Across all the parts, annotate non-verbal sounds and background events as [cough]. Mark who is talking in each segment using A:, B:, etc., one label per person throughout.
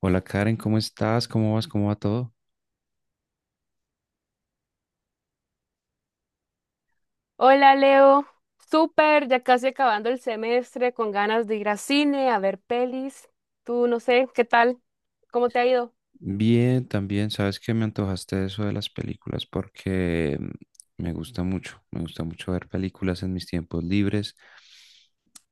A: Hola Karen, ¿cómo estás? ¿Cómo vas? ¿Cómo va todo?
B: Hola Leo, súper, ya casi acabando el semestre, con ganas de ir al cine, a ver pelis. Tú no sé, ¿qué tal? ¿Cómo te ha ido?
A: Bien, también. Sabes que me antojaste eso de las películas porque me gusta mucho ver películas en mis tiempos libres.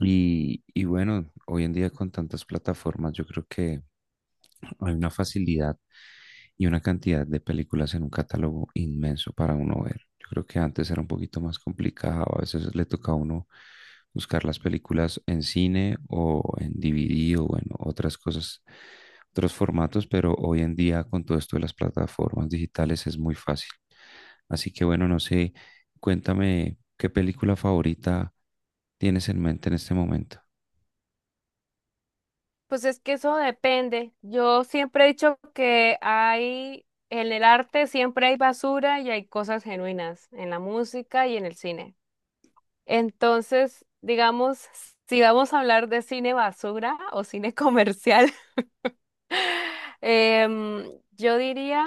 A: Y bueno, hoy en día con tantas plataformas, yo creo que hay una facilidad y una cantidad de películas en un catálogo inmenso para uno ver. Yo creo que antes era un poquito más complicado, a veces le tocaba a uno buscar las películas en cine o en DVD o en otras cosas, otros formatos, pero hoy en día con todo esto de las plataformas digitales es muy fácil. Así que bueno, no sé, cuéntame qué película favorita tienes en mente en este momento.
B: Pues es que eso depende. Yo siempre he dicho que hay, en el arte siempre hay basura y hay cosas genuinas, en la música y en el cine. Entonces, digamos, si vamos a hablar de cine basura o cine comercial, [laughs] em, yo diría.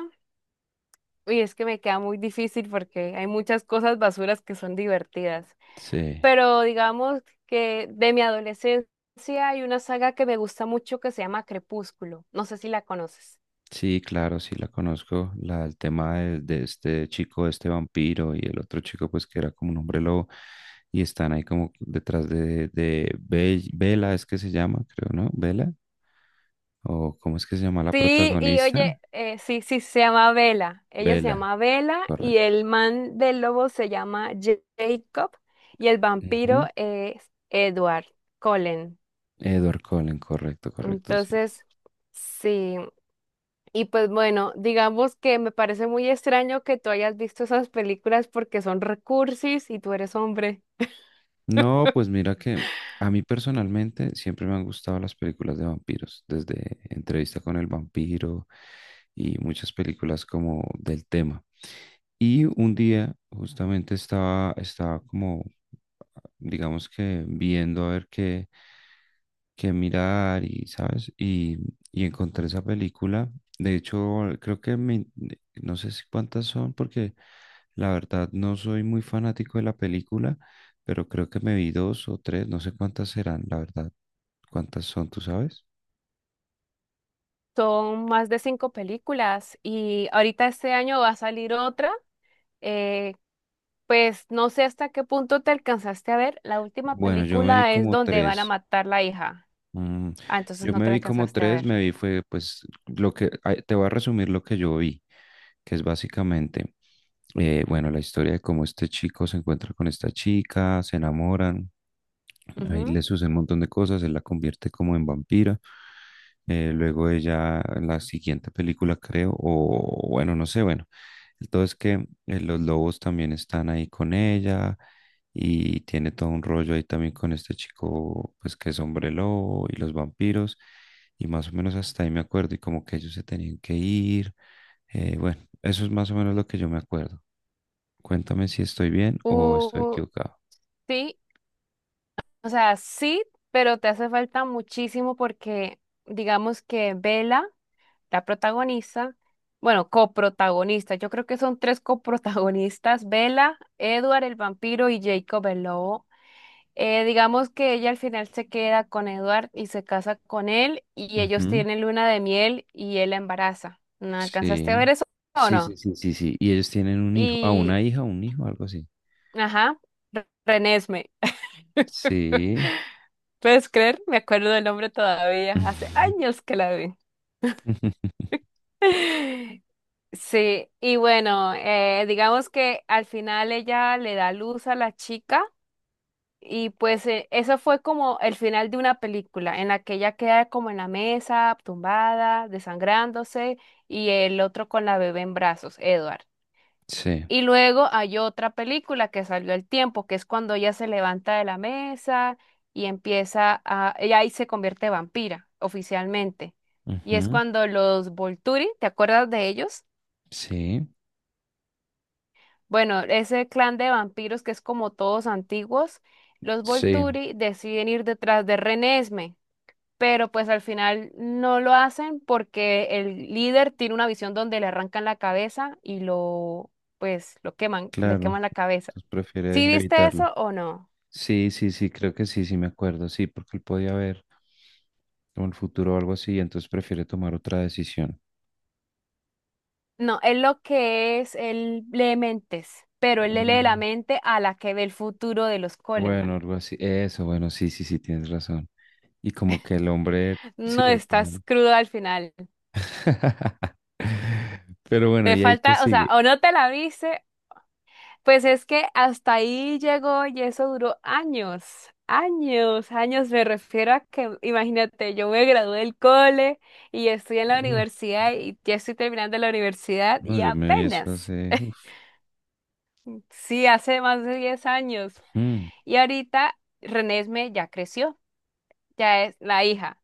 B: Uy, es que me queda muy difícil porque hay muchas cosas basuras que son divertidas.
A: Sí.
B: Pero digamos que de mi adolescencia hay una saga que me gusta mucho que se llama Crepúsculo. No sé si la conoces.
A: Sí, claro, sí la conozco. La, el tema de este chico, este vampiro y el otro chico, pues que era como un hombre lobo y están ahí como detrás de Bella, es que se llama, creo, ¿no? Bella, o ¿cómo es que se llama la
B: Sí, y
A: protagonista?
B: oye, sí, sí, se llama Vela. Ella se
A: Bella,
B: llama Vela y
A: correcto.
B: el man del lobo se llama Jacob y el
A: Ujú.
B: vampiro es Edward Cullen.
A: Edward Cullen, correcto, correcto, sí. Sí.
B: Entonces, sí. Y pues bueno, digamos que me parece muy extraño que tú hayas visto esas películas porque son recursis y tú eres hombre.
A: No, pues mira que a mí personalmente siempre me han gustado las películas de vampiros, desde Entrevista con el vampiro y muchas películas como del tema. Y un día justamente estaba como, digamos que viendo a ver qué, que mirar y, ¿sabes? Y encontré esa película. De hecho, creo que me, no sé si cuántas son, porque la verdad no soy muy fanático de la película, pero creo que me vi dos o tres, no sé cuántas serán, la verdad. ¿Cuántas son, tú sabes?
B: Son más de cinco películas y ahorita este año va a salir otra. eh, pues no sé hasta qué punto te alcanzaste a ver. La última
A: Bueno, yo me vi
B: película es
A: como
B: donde van a
A: tres.
B: matar la hija.
A: Mm,
B: Ah, entonces
A: yo
B: no
A: me
B: te la
A: vi como
B: alcanzaste a
A: tres,
B: ver.
A: me vi fue pues lo que, ay, te voy a resumir lo que yo vi, que es básicamente, bueno, la historia de cómo este chico se encuentra con esta chica, se enamoran. Ahí le
B: Ujú.
A: sucede un montón de cosas, él la convierte como en vampira. Luego ella, en la siguiente película creo, o bueno, no sé, bueno. El todo es que los lobos también están ahí con ella y tiene todo un rollo ahí también con este chico, pues que es hombre lobo y los vampiros. Y más o menos hasta ahí me acuerdo y como que ellos se tenían que ir. Bueno, eso es más o menos lo que yo me acuerdo. Cuéntame si estoy bien o estoy
B: Uh,
A: equivocado.
B: sí, o sea, sí, pero te hace falta muchísimo porque digamos que Vela la protagonista, bueno, coprotagonista, yo creo que son tres coprotagonistas, Bella, Edward el vampiro y Jacob el lobo. Digamos que ella al final se queda con Edward y se casa con él y ellos
A: Ujú.
B: tienen luna de miel y él la embaraza. ¿No alcanzaste a ver
A: Sí,
B: eso o
A: sí, sí,
B: no?
A: sí, sí, sí. Y ellos tienen un hijo, a
B: Y,
A: una hija, un hijo, algo así.
B: ajá, Renesme.
A: Sí.
B: ¿Puedes creer? Me acuerdo del nombre todavía, hace
A: [laughs]
B: años que la vi. [laughs] Sí, y bueno, digamos que al final ella le da luz a la chica y pues eso fue como el final de una película en la que ella queda como en la mesa, tumbada, desangrándose y el otro con la bebé en brazos, Edward.
A: Sí.
B: Y luego hay otra película que salió al tiempo, que es cuando ella se levanta de la mesa y empieza a, ella ahí se convierte vampira oficialmente. Y es
A: Ujú.
B: cuando los Volturi, ¿te acuerdas de ellos?
A: Sí.
B: Bueno, ese clan de vampiros que es como todos antiguos, los
A: Sí,
B: Volturi deciden ir detrás de Renesme, pero pues al final no lo hacen porque el líder tiene una visión donde le arrancan la cabeza y lo, pues, lo queman, le
A: claro.
B: queman la cabeza.
A: Entonces prefiere
B: ¿Sí viste
A: evitarlo.
B: eso o no?
A: Sí, sí, sí, creo que sí, sí me acuerdo. Sí, porque él podía ver como el futuro o algo así, y entonces prefiere tomar otra decisión.
B: No, es lo que es, él lee mentes, pero él le lee la
A: Mm.
B: mente a la que ve el futuro de los
A: Bueno,
B: Coleman.
A: algo así. Eso, bueno, sí, sí, sí, tienes razón. Y como que el hombre, sí,
B: No,
A: al
B: estás
A: final.
B: crudo al final.
A: [laughs] Pero bueno,
B: Te
A: ¿y ahí qué
B: falta, o sea,
A: sigue?
B: ¿o no te la viste? Pues es que hasta ahí llegó y eso duró años, años, años. Me refiero a que, imagínate, yo me gradué del cole y estoy en la
A: No,
B: universidad y ya estoy terminando la universidad
A: no,
B: y
A: yo me vi eso
B: apenas,
A: hace. Uf.
B: sí, hace más de 10 años.
A: Mm.
B: Y ahorita Renesme ya creció, ya es la hija,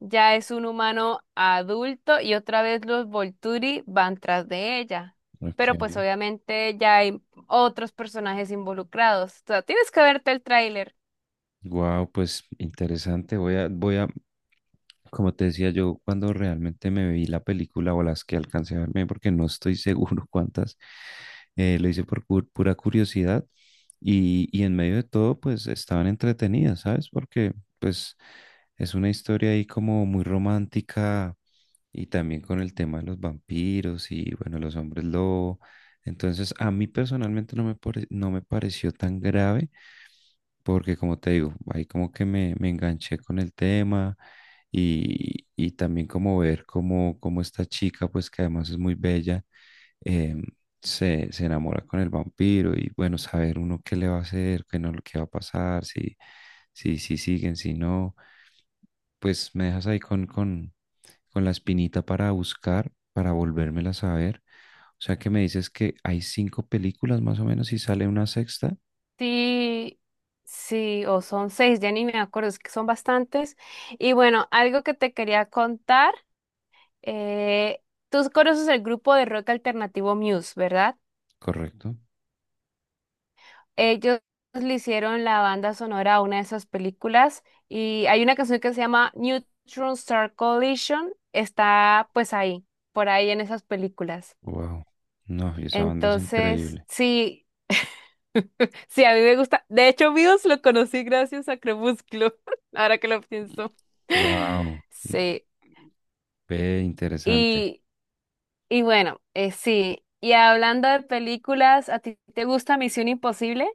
B: ya es un humano adulto y otra vez los Volturi van tras de ella. Pero pues
A: Ok.
B: obviamente ya hay otros personajes involucrados. O sea, tienes que verte el tráiler.
A: Wow, pues interesante. Voy a, como te decía yo, cuando realmente me vi la película o las que alcancé a verme, porque no estoy seguro [laughs] cuántas, lo hice por pura curiosidad y en medio de todo, pues estaban entretenidas, ¿sabes? Porque pues es una historia ahí como muy romántica, y también con el tema de los vampiros y bueno, los hombres lobo. Entonces, a mí personalmente no me pareció tan grave porque, como te digo, ahí como que me enganché con el tema y también como ver cómo esta chica, pues que además es muy bella, em, se enamora con el vampiro y bueno, saber uno qué le va a hacer, qué no, qué va a pasar, si siguen, si no pues me dejas ahí con la espinita para buscar, para volvérmelas a ver. O sea que me dices que hay cinco películas más o menos y sale una sexta,
B: Sí, sí, o son seis, ya ni me acuerdo, es que son bastantes. Y bueno, algo que te quería contar, eh, tú conoces el grupo de rock alternativo Muse, ¿verdad?
A: ¿correcto?
B: Ellos le hicieron la banda sonora a una de esas películas y hay una canción que se llama Neutron Star Collision, está pues ahí, por ahí en esas películas.
A: Wow. No, y esa banda es
B: Entonces,
A: increíble.
B: sí, sí, a mí me gusta. De hecho, Muse lo conocí gracias a Crepúsculo, [laughs] ahora que lo pienso. [laughs]
A: Wow.
B: Sí,
A: Ve, interesante.
B: y, y bueno, sí. Y hablando de películas, ¿a ti te gusta Misión Imposible?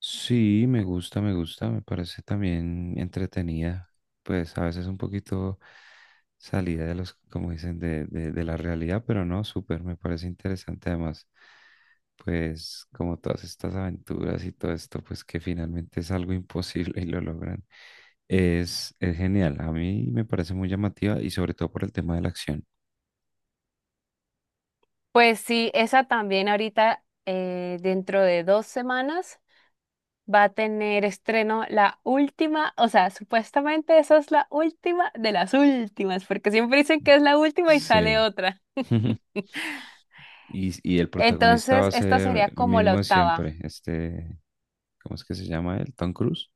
A: Sí, me gusta, me gusta, me parece también entretenida, pues a veces un poquito salida de los, como dicen, de la realidad, pero no, súper, me parece interesante además, pues como todas estas aventuras y todo esto, pues que finalmente es algo imposible y lo logran, es genial, a mí me parece muy llamativa y sobre todo por el tema de la acción.
B: Pues sí, esa también ahorita, dentro de dos semanas, va a tener estreno la última, o sea, supuestamente esa es la última de las últimas, porque siempre dicen que es la última y sale
A: Sí.
B: otra.
A: [laughs]
B: [laughs]
A: Y el protagonista va
B: Entonces,
A: a
B: esta sería
A: ser el
B: como la
A: mismo de
B: octava.
A: siempre, este ¿cómo es que se llama él? ¿Tom Cruise?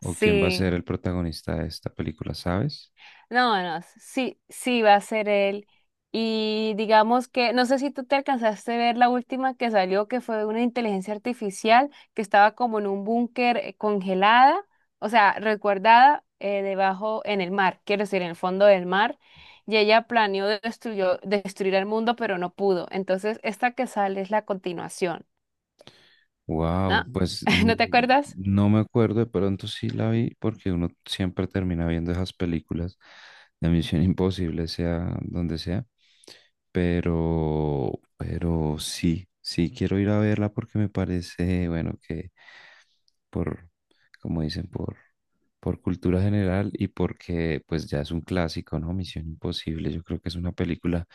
A: ¿O quién va a
B: Sí.
A: ser el protagonista de esta película, sabes?
B: No, no, sí, sí va a ser él. Y digamos que, no sé si tú te alcanzaste a ver la última que salió, que fue una inteligencia artificial que estaba como en un búnker congelada, o sea, recuerdada debajo en el mar, quiero decir, en el fondo del mar, y ella planeó destruir el mundo, pero no pudo. Entonces, esta que sale es la continuación,
A: Wow,
B: ¿no?
A: pues
B: [laughs] ¿No te acuerdas?
A: no me acuerdo, de pronto sí la vi porque uno siempre termina viendo esas películas de Misión Imposible, sea donde sea, pero, pero sí, sí quiero ir a verla porque me parece, bueno, que por, como dicen, por cultura general y porque pues ya es un clásico, ¿no? Misión Imposible, yo creo que es una película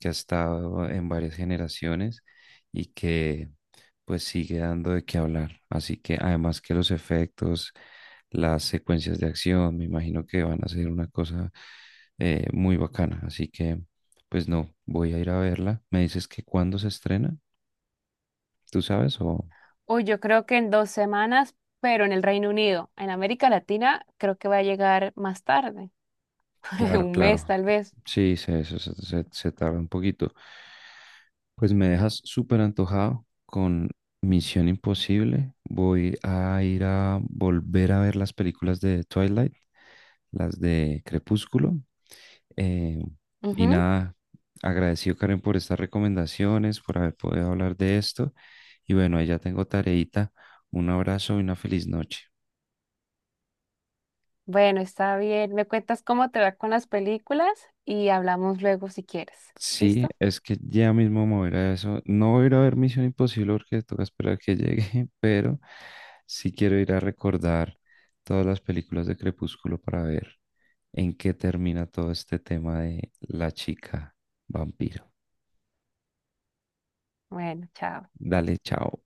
A: que ha estado en varias generaciones y que pues sigue dando de qué hablar. Así que además que los efectos, las secuencias de acción, me imagino que van a ser una cosa muy bacana. Así que pues no, voy a ir a verla. ¿Me dices que cuándo se estrena? ¿Tú sabes o...?
B: Uy, yo creo que en 2 semanas, pero en el Reino Unido. En América Latina creo que va a llegar más tarde, [laughs]
A: Claro,
B: un mes
A: claro.
B: tal vez.
A: Sí, se tarda un poquito. Pues me dejas súper antojado con Misión Imposible. Voy a ir a volver a ver las películas de Twilight, las de Crepúsculo. Eh, y
B: Ujú.
A: nada, agradecido Karen por estas recomendaciones, por haber podido hablar de esto. Y bueno, ahí ya tengo tareita. Un abrazo y una feliz noche.
B: Bueno, está bien. Me cuentas cómo te va con las películas y hablamos luego si quieres.
A: Sí,
B: ¿Listo?
A: es que ya mismo me voy a ir a eso. No voy a ir a ver Misión Imposible porque toca esperar que llegue, [laughs] pero sí quiero ir a recordar todas las películas de Crepúsculo para ver en qué termina todo este tema de la chica vampiro.
B: Bueno, chao.
A: Dale, chao.